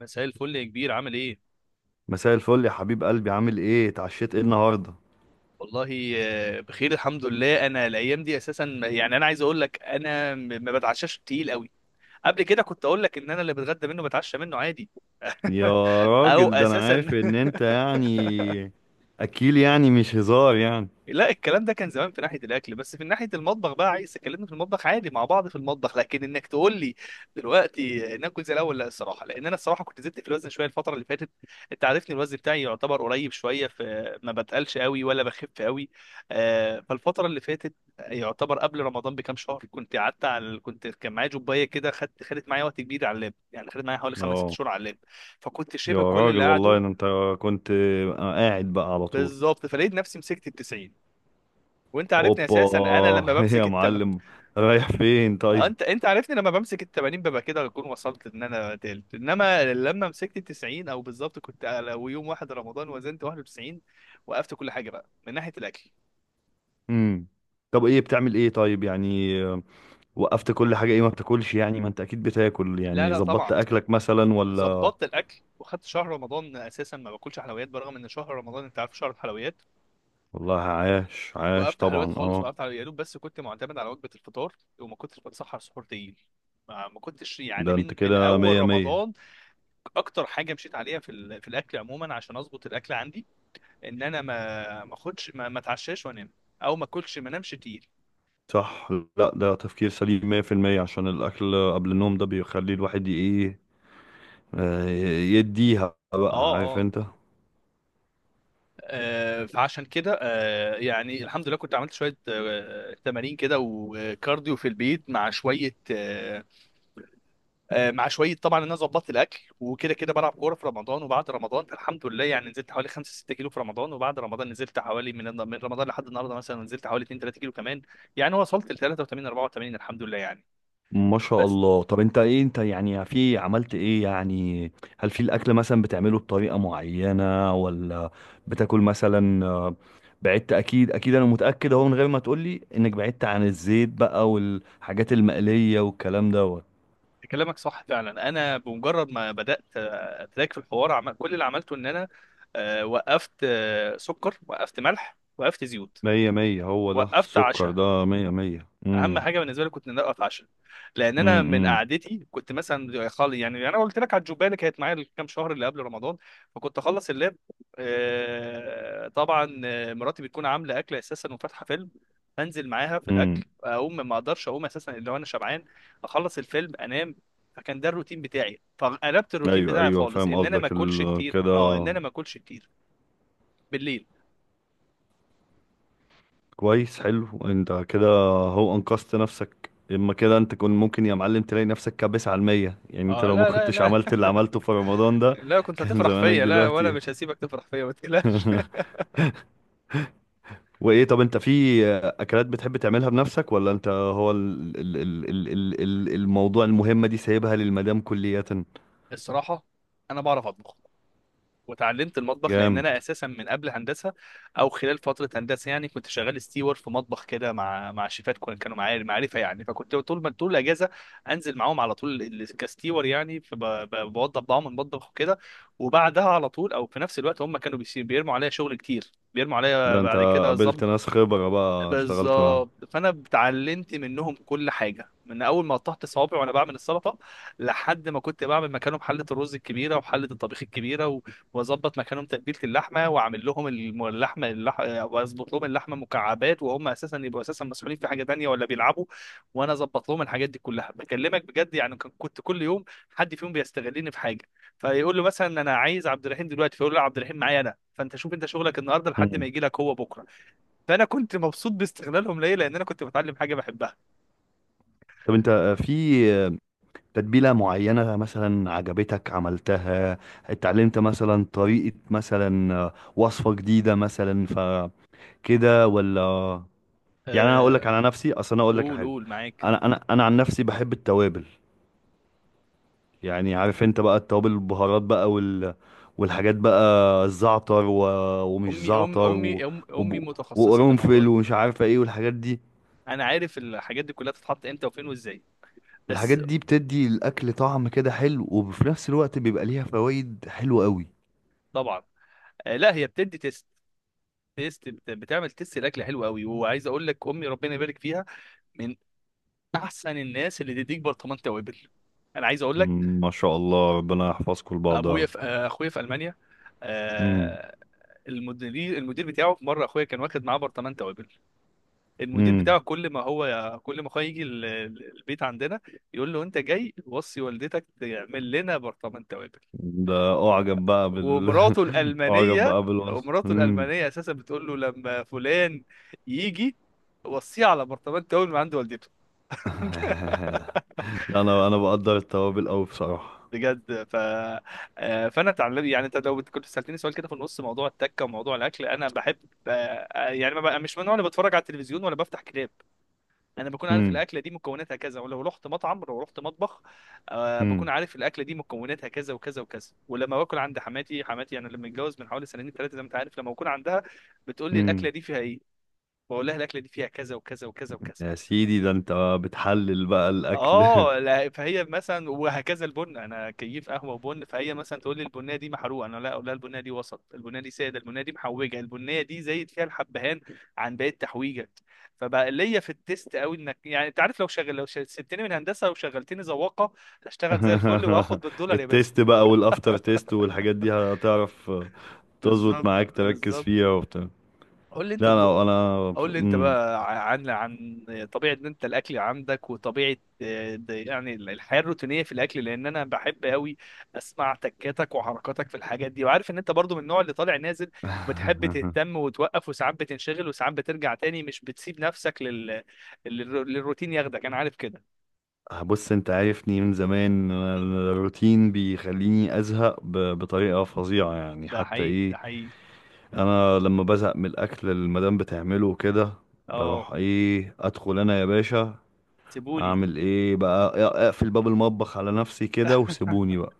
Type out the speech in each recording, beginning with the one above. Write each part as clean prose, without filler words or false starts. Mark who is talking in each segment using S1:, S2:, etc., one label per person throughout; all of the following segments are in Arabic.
S1: مساء الفل يا كبير، عامل ايه؟
S2: مساء الفل يا حبيب قلبي، عامل ايه؟ اتعشيت ايه النهارده؟
S1: والله بخير الحمد لله. انا الايام دي اساسا، يعني، انا عايز اقول لك انا ما بتعشاش تقيل قوي. قبل كده كنت اقول لك ان انا اللي بتغدى منه بتعشى منه عادي،
S2: يا
S1: او
S2: راجل ده انا
S1: اساسا.
S2: عارف ان انت اكيل، يعني مش هزار يعني.
S1: لا، الكلام ده كان زمان في ناحيه الاكل، بس في ناحيه المطبخ بقى عايز اكلمني في المطبخ عادي مع بعض في المطبخ، لكن انك تقول لي دلوقتي ناكل زي الاول لا. الصراحه، لان انا الصراحه كنت زدت في الوزن شويه الفتره اللي فاتت. انت عارفني الوزن بتاعي يعتبر قريب شويه، في ما بتقلش قوي ولا بخف قوي. فالفتره اللي فاتت، يعتبر قبل رمضان بكام شهر، كنت قعدت على كنت كان معايا جوبايه كده، خدت معايا وقت كبير على اللاب، يعني خدت معايا حوالي خمس ست
S2: اه
S1: شهور على اللاب. فكنت
S2: يا
S1: شبه كل اللي
S2: راجل،
S1: قعدوا،
S2: والله ده انت كنت قاعد بقى على طول.
S1: بالظبط. فلقيت نفسي مسكت ال 90. وانت عارفني اساسا،
S2: اوبا!
S1: انا لما
S2: يا
S1: بمسك التمن،
S2: معلم، رايح فين طيب؟
S1: انت عارفني لما بمسك ال 80 ببقى كده اكون وصلت ان انا تالت، انما لما مسكت ال 90، او بالظبط كنت لو يوم واحد رمضان، وزنت 91. وقفت كل حاجه بقى من ناحيه الاكل.
S2: امم طب ايه بتعمل ايه طيب، يعني وقفت كل حاجه ايه؟ ما بتاكلش يعني؟ ما انت اكيد بتاكل،
S1: لا،
S2: يعني
S1: لا،
S2: ظبطت
S1: طبعا.
S2: اكلك مثلا ولا؟
S1: ظبطت الاكل، وخدت شهر رمضان اساسا ما باكلش حلويات، برغم ان شهر رمضان انت عارف شهر الحلويات.
S2: والله عاش عاش
S1: وقفت حلويات
S2: طبعا
S1: خالص،
S2: اه.
S1: وقفت على يا دوب، بس كنت معتمد على وجبه الفطار، وما كنتش بتسحر سحور تقيل. ما كنتش يعني
S2: ده انت
S1: من
S2: كده
S1: اول
S2: مية مية.
S1: رمضان. اكتر حاجه مشيت عليها في الاكل عموما، عشان اظبط الاكل عندي، ان انا ما اخدش ما اتعشاش وانام، او ما اكلش ما انامش تقيل.
S2: صح. لا ده تفكير سليم 100% عشان الأكل قبل النوم ده بيخلي الواحد إيه، آه، يديها
S1: اه.
S2: بقى، عارف
S1: اه.
S2: أنت.
S1: فعشان كده يعني الحمد لله، كنت عملت شويه تمارين كده وكارديو في البيت، مع شويه مع شويه طبعا، ان انا ظبطت الاكل، وكده كده بلعب كوره في رمضان وبعد رمضان. الحمد لله يعني، نزلت حوالي 5 6 كيلو في رمضان، وبعد رمضان نزلت حوالي، من رمضان لحد النهارده مثلا، نزلت حوالي 2 3 كيلو كمان. يعني وصلت ل 83 84، الحمد لله يعني.
S2: ما شاء
S1: بس
S2: الله. طب أنت إيه أنت يعني، في عملت إيه يعني؟ هل في الأكل مثلا بتعمله بطريقة معينة، ولا بتاكل مثلا بعدت؟ أكيد أكيد أنا متأكد أهو من غير ما تقولي إنك بعدت عن الزيت بقى والحاجات المقلية والكلام دوت.
S1: كلامك صح فعلا. انا بمجرد ما بدات اتراك في الحوار، كل اللي عملته ان انا وقفت سكر، وقفت ملح، وقفت زيوت،
S2: مية مية، هو ده
S1: وقفت
S2: السكر،
S1: عشاء.
S2: ده مية مية.
S1: اهم
S2: امم.
S1: حاجه بالنسبه لي كنت ان انا اتعشى، لان انا من قعدتي كنت مثلا خالي. يعني انا قلت لك على الجوبايه اللي كانت معايا الكام شهر اللي قبل رمضان، فكنت اخلص اللاب طبعا، مراتي بتكون عامله اكل اساسا وفاتحه فيلم، انزل معاها في
S2: امم.
S1: الاكل، اقوم ما اقدرش اقوم اساسا الا وانا شبعان، اخلص الفيلم انام. فكان ده الروتين بتاعي، فقلبت الروتين
S2: ايوه
S1: بتاعي
S2: ايوه
S1: خالص،
S2: فاهم
S1: ان انا ما
S2: قصدك،
S1: اكلش كتير،
S2: كده.
S1: اه ان انا ما اكلش كتير بالليل.
S2: كويس، حلو انت كده، هو انقذت نفسك اما كده. انت كنت ممكن يا معلم تلاقي نفسك كابس على المية يعني. انت
S1: اه،
S2: لو ما
S1: لا، لا،
S2: كنتش
S1: لا.
S2: عملت اللي عملته في رمضان ده
S1: لا كنت
S2: كان
S1: هتفرح
S2: زمانك
S1: فيا، لا وانا
S2: دلوقتي.
S1: مش هسيبك تفرح فيا، ما تقلقش.
S2: وايه طب انت في اكلات بتحب تعملها بنفسك، ولا انت هو الموضوع المهمة دي سايبها للمدام كلية؟
S1: الصراحه، انا بعرف اطبخ. وتعلمت المطبخ لان
S2: جامد.
S1: انا اساسا من قبل هندسه، او خلال فتره هندسه، يعني كنت شغال ستيور في مطبخ كده مع شيفات كانوا معايا معرفه، يعني فكنت طول ما طول الاجازه انزل معاهم على طول كستيور، يعني فبوضب معاهم المطبخ وكده. وبعدها على طول، او في نفس الوقت، هم كانوا بيرموا عليا شغل كتير، بيرموا عليا
S2: ده انت
S1: بعد كده،
S2: قابلت ناس خبرة بقى، اشتغلت معاهم.
S1: بالظبط. فانا اتعلمت منهم كل حاجه، من اول ما قطعت صوابعي وانا بعمل السلطه، لحد ما كنت بعمل مكانهم حله الرز الكبيره وحله الطبيخ الكبيره و- واظبط مكانهم تتبيله اللحمه، واعمل لهم اللحمه واظبط لهم اللحمه مكعبات، وهم اساسا يبقوا اساسا مسؤولين في حاجه تانيه ولا بيلعبوا، وانا اظبط لهم الحاجات دي كلها. بكلمك بجد، يعني كنت كل يوم حد فيهم بيستغلني في حاجه، فيقول له مثلا انا عايز عبد الرحيم دلوقتي، فيقول له لا، عبد الرحيم معايا انا، فانت شوف انت شغلك النهارده لحد ما
S2: مم.
S1: يجي لك هو بكره. فانا كنت مبسوط باستغلالهم ليا، لان انا كنت بتعلم حاجه بحبها.
S2: طب انت في تتبيلة معينة مثلا عجبتك عملتها؟ اتعلمت مثلا طريقة، مثلا وصفة جديدة مثلا فكده، ولا؟ يعني انا هقول لك
S1: آه،
S2: على نفسي، اصل انا اقول لك على
S1: قول
S2: حاجة.
S1: قول معاك.
S2: انا عن نفسي بحب التوابل. يعني عارف انت بقى التوابل، البهارات بقى، والحاجات بقى، الزعتر و... ومش
S1: امي ام
S2: زعتر
S1: امي
S2: و...
S1: أم امي
S2: وب...
S1: متخصصه في الموضوع
S2: وقرنفل
S1: ده.
S2: ومش عارفة ايه والحاجات دي.
S1: انا عارف الحاجات دي كلها بتتحط امتى وفين وازاي،
S2: الحاجات
S1: بس.
S2: دي بتدي الاكل طعم كده حلو، وفي نفس الوقت بيبقى ليها فوائد حلوة قوي.
S1: طبعا. لا، هي بتدي تيست. بتعمل تيست الاكل حلو قوي. وعايز اقول لك امي ربنا يبارك فيها، من احسن الناس اللي تديك برطمان توابل. انا عايز اقول لك،
S2: مم، ما شاء الله، ربنا يحفظكم لبعض يا
S1: ابويا
S2: رب.
S1: في آه، اخويا في المانيا.
S2: مم.
S1: آه، المدير، المدير بتاعه، في مره اخويا كان واخد معاه برطمان توابل. المدير
S2: مم.
S1: بتاعه كل ما هو، كل ما هو يجي البيت عندنا، يقول له انت جاي وصي والدتك تعمل لنا برطمان توابل.
S2: ده اعجب بقى
S1: ومراته
S2: اعجب
S1: الألمانية
S2: بقى بالوصف.
S1: ومراته
S2: مم.
S1: الألمانية أساسا بتقول له لما فلان يجي، وصيه على برطمان توابل من عند والدته.
S2: لا انا انا بقدر التوابل قوي بصراحة.
S1: بجد ف آه، فانا اتعلم. يعني انت لو كنت سالتني سؤال كده في النص، موضوع التكه وموضوع الاكل، انا بحب. يعني ما بقى- مش من النوع اللي بتفرج على التلفزيون ولا بفتح كتاب. انا بكون عارف
S2: مم.
S1: الاكله دي مكوناتها كذا، ولو رحت مطعم لو رحت مطبخ،
S2: مم.
S1: بكون عارف الاكله دي مكوناتها كذا وكذا وكذا. ولما باكل عند حماتي، حماتي انا لما اتجوز من حوالي سنتين ثلاثه زي ما انت عارف، لما بكون عندها بتقول لي الاكله
S2: مم.
S1: دي فيها ايه، بقول لها الاكله دي فيها كذا وكذا وكذا وكذا.
S2: يا سيدي، ده انت بتحلل بقى الاكل.
S1: اه. لا، فهي مثلا، وهكذا البن، انا كيف قهوه وبن، فهي مثلا تقول لي البنيه دي محروقه، انا لا اقول لها البنيه دي وسط، البنيه دي ساده، البنيه دي محوجه، البنيه دي زايد فيها الحبهان عن باقي التحويجه. فبقى ليا في التيست قوي. انك يعني انت عارف لو شغل لو سبتني من هندسه وشغلتني ذواقه، هشتغل زي الفل واخد بالدولار يا باشا.
S2: التيست بقى والافتر تيست والحاجات دي هتعرف تظبط
S1: بالظبط
S2: معاك، تركز
S1: بالظبط.
S2: فيها وبتاع.
S1: قول لي انت
S2: لا انا
S1: طب...
S2: انا
S1: قول لي انت
S2: مم.
S1: بقى عن طبيعه ان انت الاكل عندك، وطبيعه، ده يعني الحياه الروتينيه في الاكل، لان انا بحب قوي اسمع تكاتك وحركاتك في الحاجات دي. وعارف ان انت برضو من النوع اللي طالع نازل، بتحب تهتم وتوقف وساعات بتنشغل وساعات بترجع تاني، مش بتسيب نفسك للروتين ياخدك، انا عارف كده.
S2: بص انت عارفني من زمان انا، الروتين بيخليني ازهق بطريقة فظيعة يعني.
S1: ده
S2: حتى
S1: حقيقي ده
S2: ايه،
S1: حقيقي.
S2: انا لما بزهق من الاكل اللي المدام بتعمله كده،
S1: اه
S2: بروح ايه، ادخل انا يا باشا
S1: سيبوني.
S2: اعمل ايه بقى، اقفل باب المطبخ على نفسي كده وسيبوني بقى.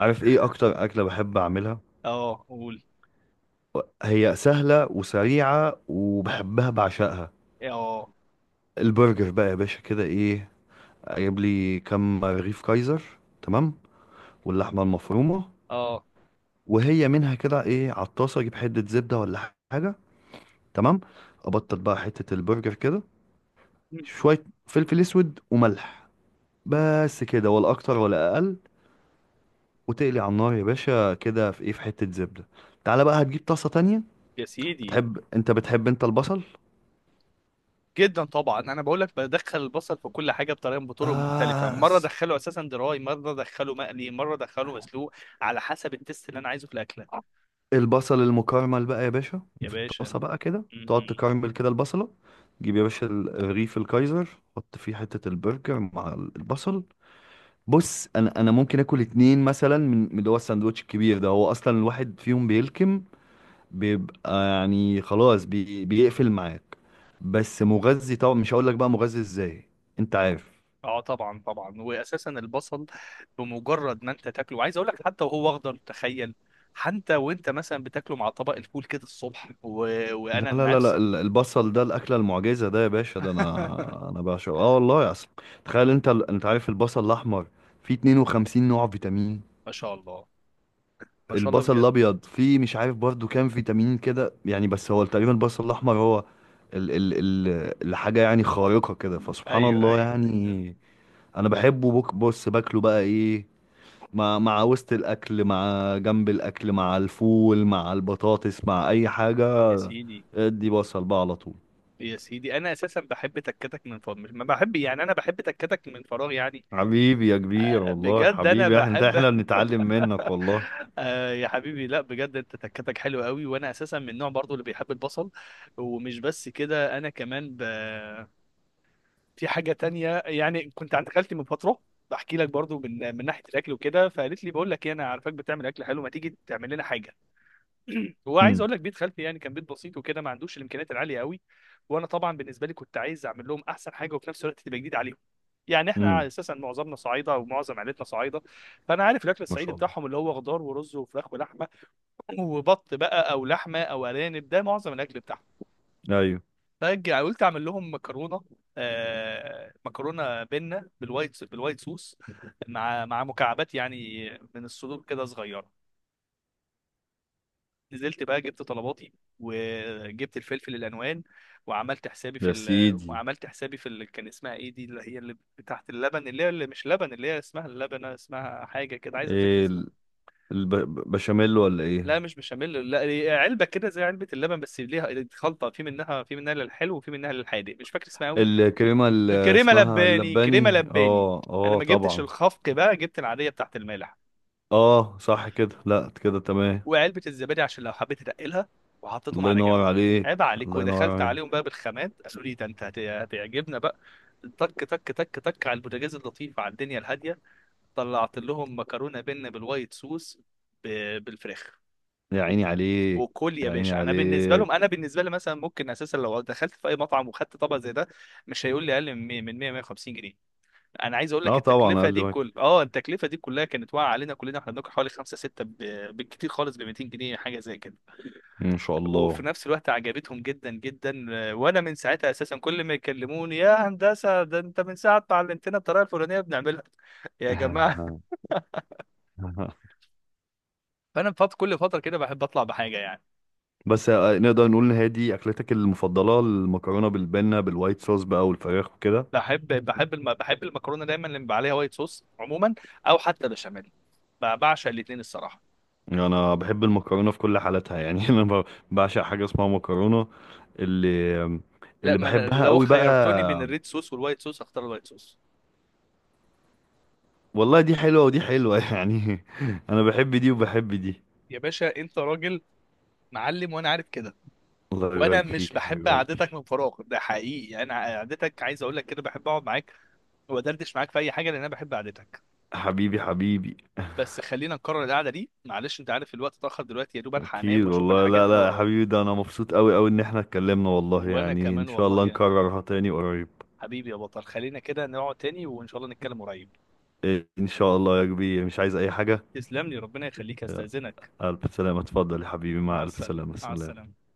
S2: عارف ايه اكتر اكلة بحب اعملها؟
S1: اه قول.
S2: هي سهلة وسريعة وبحبها بعشقها،
S1: اه.
S2: البرجر بقى يا باشا. كده ايه، اجيب لي كم رغيف كايزر، تمام، واللحمة المفرومة،
S1: اه.
S2: وهي منها كده ايه على الطاسه، اجيب حته زبده ولا حاجه، تمام. ابطل بقى حته البرجر كده، شويه فلفل اسود وملح، بس كده ولا اكتر ولا اقل. وتقلي على النار يا باشا كده، في ايه، في حته زبده. تعالى بقى هتجيب طاسه تانية.
S1: يا سيدي.
S2: بتحب انت، بتحب انت البصل؟
S1: جدا طبعا. انا بقول لك بدخل البصل في كل حاجه بطريقه، بطرق مختلفه،
S2: آه
S1: مره
S2: س-
S1: ادخله اساسا دراي، مره ادخله مقلي، مره ادخله مسلوق، على حسب التست اللي انا عايزه في الاكله.
S2: البصل المكرمل بقى يا باشا،
S1: يا
S2: في
S1: باشا.
S2: الطاسه بقى كده تقعد
S1: م-م.
S2: تكرمل كده البصله، تجيب يا باشا الرغيف الكايزر، حط فيه حته البرجر مع البصل. بص انا ممكن اكل اتنين مثلا من اللي هو الساندوتش الكبير ده. هو اصلا الواحد فيهم بيلكم، بيبقى يعني خلاص، بيقفل معاك. بس مغذي طبعا، مش هقول لك بقى مغذي ازاي، انت عارف.
S1: اه طبعا طبعا، واساسا البصل بمجرد ما انت تاكله، وعايز اقول لك حتى وهو اخضر تخيل، حتى وانت مثلا بتاكله مع طبق الفول كده الصبح
S2: لا
S1: وانا
S2: لا لا لا
S1: نفسي.
S2: ال- البصل ده الاكله المعجزه ده يا باشا، ده انا انا بعشقه، اه والله اصلا. تخيل انت انت عارف البصل الاحمر فيه 52 نوع فيتامين.
S1: ما شاء الله، ما شاء الله
S2: البصل
S1: بجد.
S2: الابيض فيه مش عارف برضو كام فيتامين كده يعني، بس هو تقريبا البصل الاحمر هو ال ال ال الحاجه يعني خارقه كده، فسبحان
S1: ايوه
S2: الله
S1: ايوه ايوه.
S2: يعني. انا بحبه، بص باكله بقى ايه، مع وسط الاكل، مع جنب الاكل، مع الفول، مع البطاطس، مع اي حاجه.
S1: يا سيدي.
S2: ادي بصل بقى على طول.
S1: يا سيدي انا اساسا بحب تكتك من فراغ، ما بحب يعني، انا بحب تكتك من فراغ يعني.
S2: حبيبي يا كبير والله،
S1: بجد انا
S2: حبيبي، احنا انت
S1: بحب.
S2: احنا بنتعلم منك والله.
S1: آه يا حبيبي، لا بجد انت تكتك حلو قوي. وانا اساسا من النوع برضو اللي بيحب البصل، ومش بس كده انا كمان في حاجه تانية. يعني كنت عند خالتي من فتره، بحكي لك برضو من ناحيه الاكل وكده، فقالت لي بقول لك ايه، انا عارفاك بتعمل اكل حلو، ما تيجي تعمل لنا حاجه. هو عايز
S2: امم.
S1: اقول لك بيت خالتي يعني، كان بيت بسيط وكده، ما عندوش الامكانيات العاليه قوي. وانا طبعا بالنسبه لي كنت عايز اعمل لهم احسن حاجه، وفي نفس الوقت تبقى جديد عليهم. يعني احنا
S2: امم.
S1: اساسا معظمنا صعايده، ومعظم عائلتنا صعايده، فانا عارف الاكل
S2: ما
S1: الصعيدي
S2: شاء الله.
S1: بتاعهم، اللي هو خضار ورز وفراخ ولحمه، وبط بقى، او لحمه، او ارانب، ده معظم الاكل بتاعهم.
S2: ايوه.
S1: فقلت اعمل لهم مكرونه، مكرونه بنه بالوايت، بالوايت صوص، مع مكعبات يعني من الصدور كده صغيره. نزلت بقى جبت طلباتي، وجبت الفلفل الالوان،
S2: يا سيدي.
S1: وعملت حسابي في ال... كان اسمها ايه دي، اللي هي اللي تحت اللبن، اللي هي اللي مش لبن، اللي هي اسمها اللبنه، اسمها حاجه كده عايز افتكر
S2: إيه
S1: اسمها.
S2: البشاميل ولا
S1: لا
S2: ايه؟
S1: مش بشاميل، لا هي علبه كده زي علبه اللبن، بس ليها خلطه، في منها للحلو، وفي منها للحادق، مش فاكر اسمها قوي.
S2: الكريمة اللي
S1: كريمه
S2: اسمها
S1: لباني كريمه
S2: اللباني،
S1: لباني
S2: اه
S1: انا
S2: اه
S1: ما جبتش
S2: طبعا.
S1: الخفق، بقى جبت العاديه بتاعت المالح،
S2: اه صح كده، لا كده تمام.
S1: وعلبه الزبادي عشان لو حبيت تنقلها، وحطيتهم
S2: الله
S1: على جنب.
S2: ينور عليك.
S1: عيب عليك.
S2: الله ينور
S1: ودخلت
S2: عليك.
S1: عليهم بقى بالخامات، قالوا لي ده انت هتعجبنا بقى. تك تك تك تك على البوتاجاز اللطيف، على الدنيا الهاديه، طلعت لهم مكرونه بينا بالوايت صوص بالفراخ.
S2: يا عيني عليك.
S1: وكل يا
S2: يا عيني
S1: باشا. انا بالنسبه لهم،
S2: عليك.
S1: انا بالنسبه لي مثلا ممكن اساسا لو دخلت في اي مطعم وخدت طبق زي ده، مش هيقول لي اقل من 100، من 100 150 جنيه. انا عايز اقول لك
S2: اه طبعا، اقل واجب.
S1: التكلفه دي كلها كانت واقعه علينا كلنا، احنا بناكل حوالي خمسة ستة بالكتير خالص ب 200 جنيه حاجه زي كده.
S2: ان شاء
S1: وفي
S2: الله.
S1: نفس الوقت عجبتهم جدا جدا. وانا من ساعتها اساسا كل ما يكلموني يا هندسه ده انت من ساعه ما علمتنا الطريقه الفلانيه بنعملها، يا جماعه. فانا فات كل فتره كده بحب اطلع بحاجه يعني.
S2: بس نقدر نقول ان هي دي اكلتك المفضلة، المكرونة بالبنة بالوايت صوص بقى والفراخ وكده؟
S1: بحب المكرونه دايما اللي بيبقى عليها وايت صوص عموما، او حتى بشاميل، بعشق الاثنين الصراحه.
S2: انا بحب المكرونه في كل حالاتها يعني. بعشق حاجه اسمها مكرونه، اللي
S1: لا
S2: اللي
S1: ما أنا
S2: بحبها
S1: لو
S2: قوي
S1: خيرتوني بين
S2: بقى.
S1: الريد صوص والوايت صوص اختار الوايت صوص.
S2: والله دي حلوه ودي حلوه، يعني انا بحب دي وبحب دي.
S1: يا باشا انت راجل معلم، وانا عارف كده.
S2: الله
S1: وانا
S2: يبارك
S1: مش
S2: فيك يا
S1: بحب
S2: حبيب
S1: قعدتك
S2: قلبي.
S1: من فراغ ده حقيقي، يعني انا قعدتك عايز اقول لك كده، بحب اقعد معاك وادردش معاك في اي حاجه، لان انا بحب قعدتك.
S2: حبيبي حبيبي.
S1: بس خلينا نكرر القعده دي معلش، انت عارف الوقت اتاخر دلوقتي، يا دوب الحق
S2: اكيد
S1: انام واشوف
S2: والله،
S1: الحاجات
S2: لا
S1: اللي
S2: لا يا
S1: ورايا.
S2: حبيبي، ده انا مبسوط قوي قوي ان احنا اتكلمنا والله
S1: وانا
S2: يعني، ان
S1: كمان
S2: شاء
S1: والله،
S2: الله
S1: يا
S2: نكررها تاني قريب.
S1: حبيبي يا بطل، خلينا كده نقعد تاني، وان شاء الله نتكلم قريب.
S2: إيه، ان شاء الله يا كبير، مش عايز اي حاجه.
S1: تسلم لي ربنا يخليك، استاذنك.
S2: الف سلامه، اتفضل يا حبيبي، مع
S1: مع
S2: الف
S1: السلامه،
S2: سلامه،
S1: مع
S2: سلام.
S1: السلامه.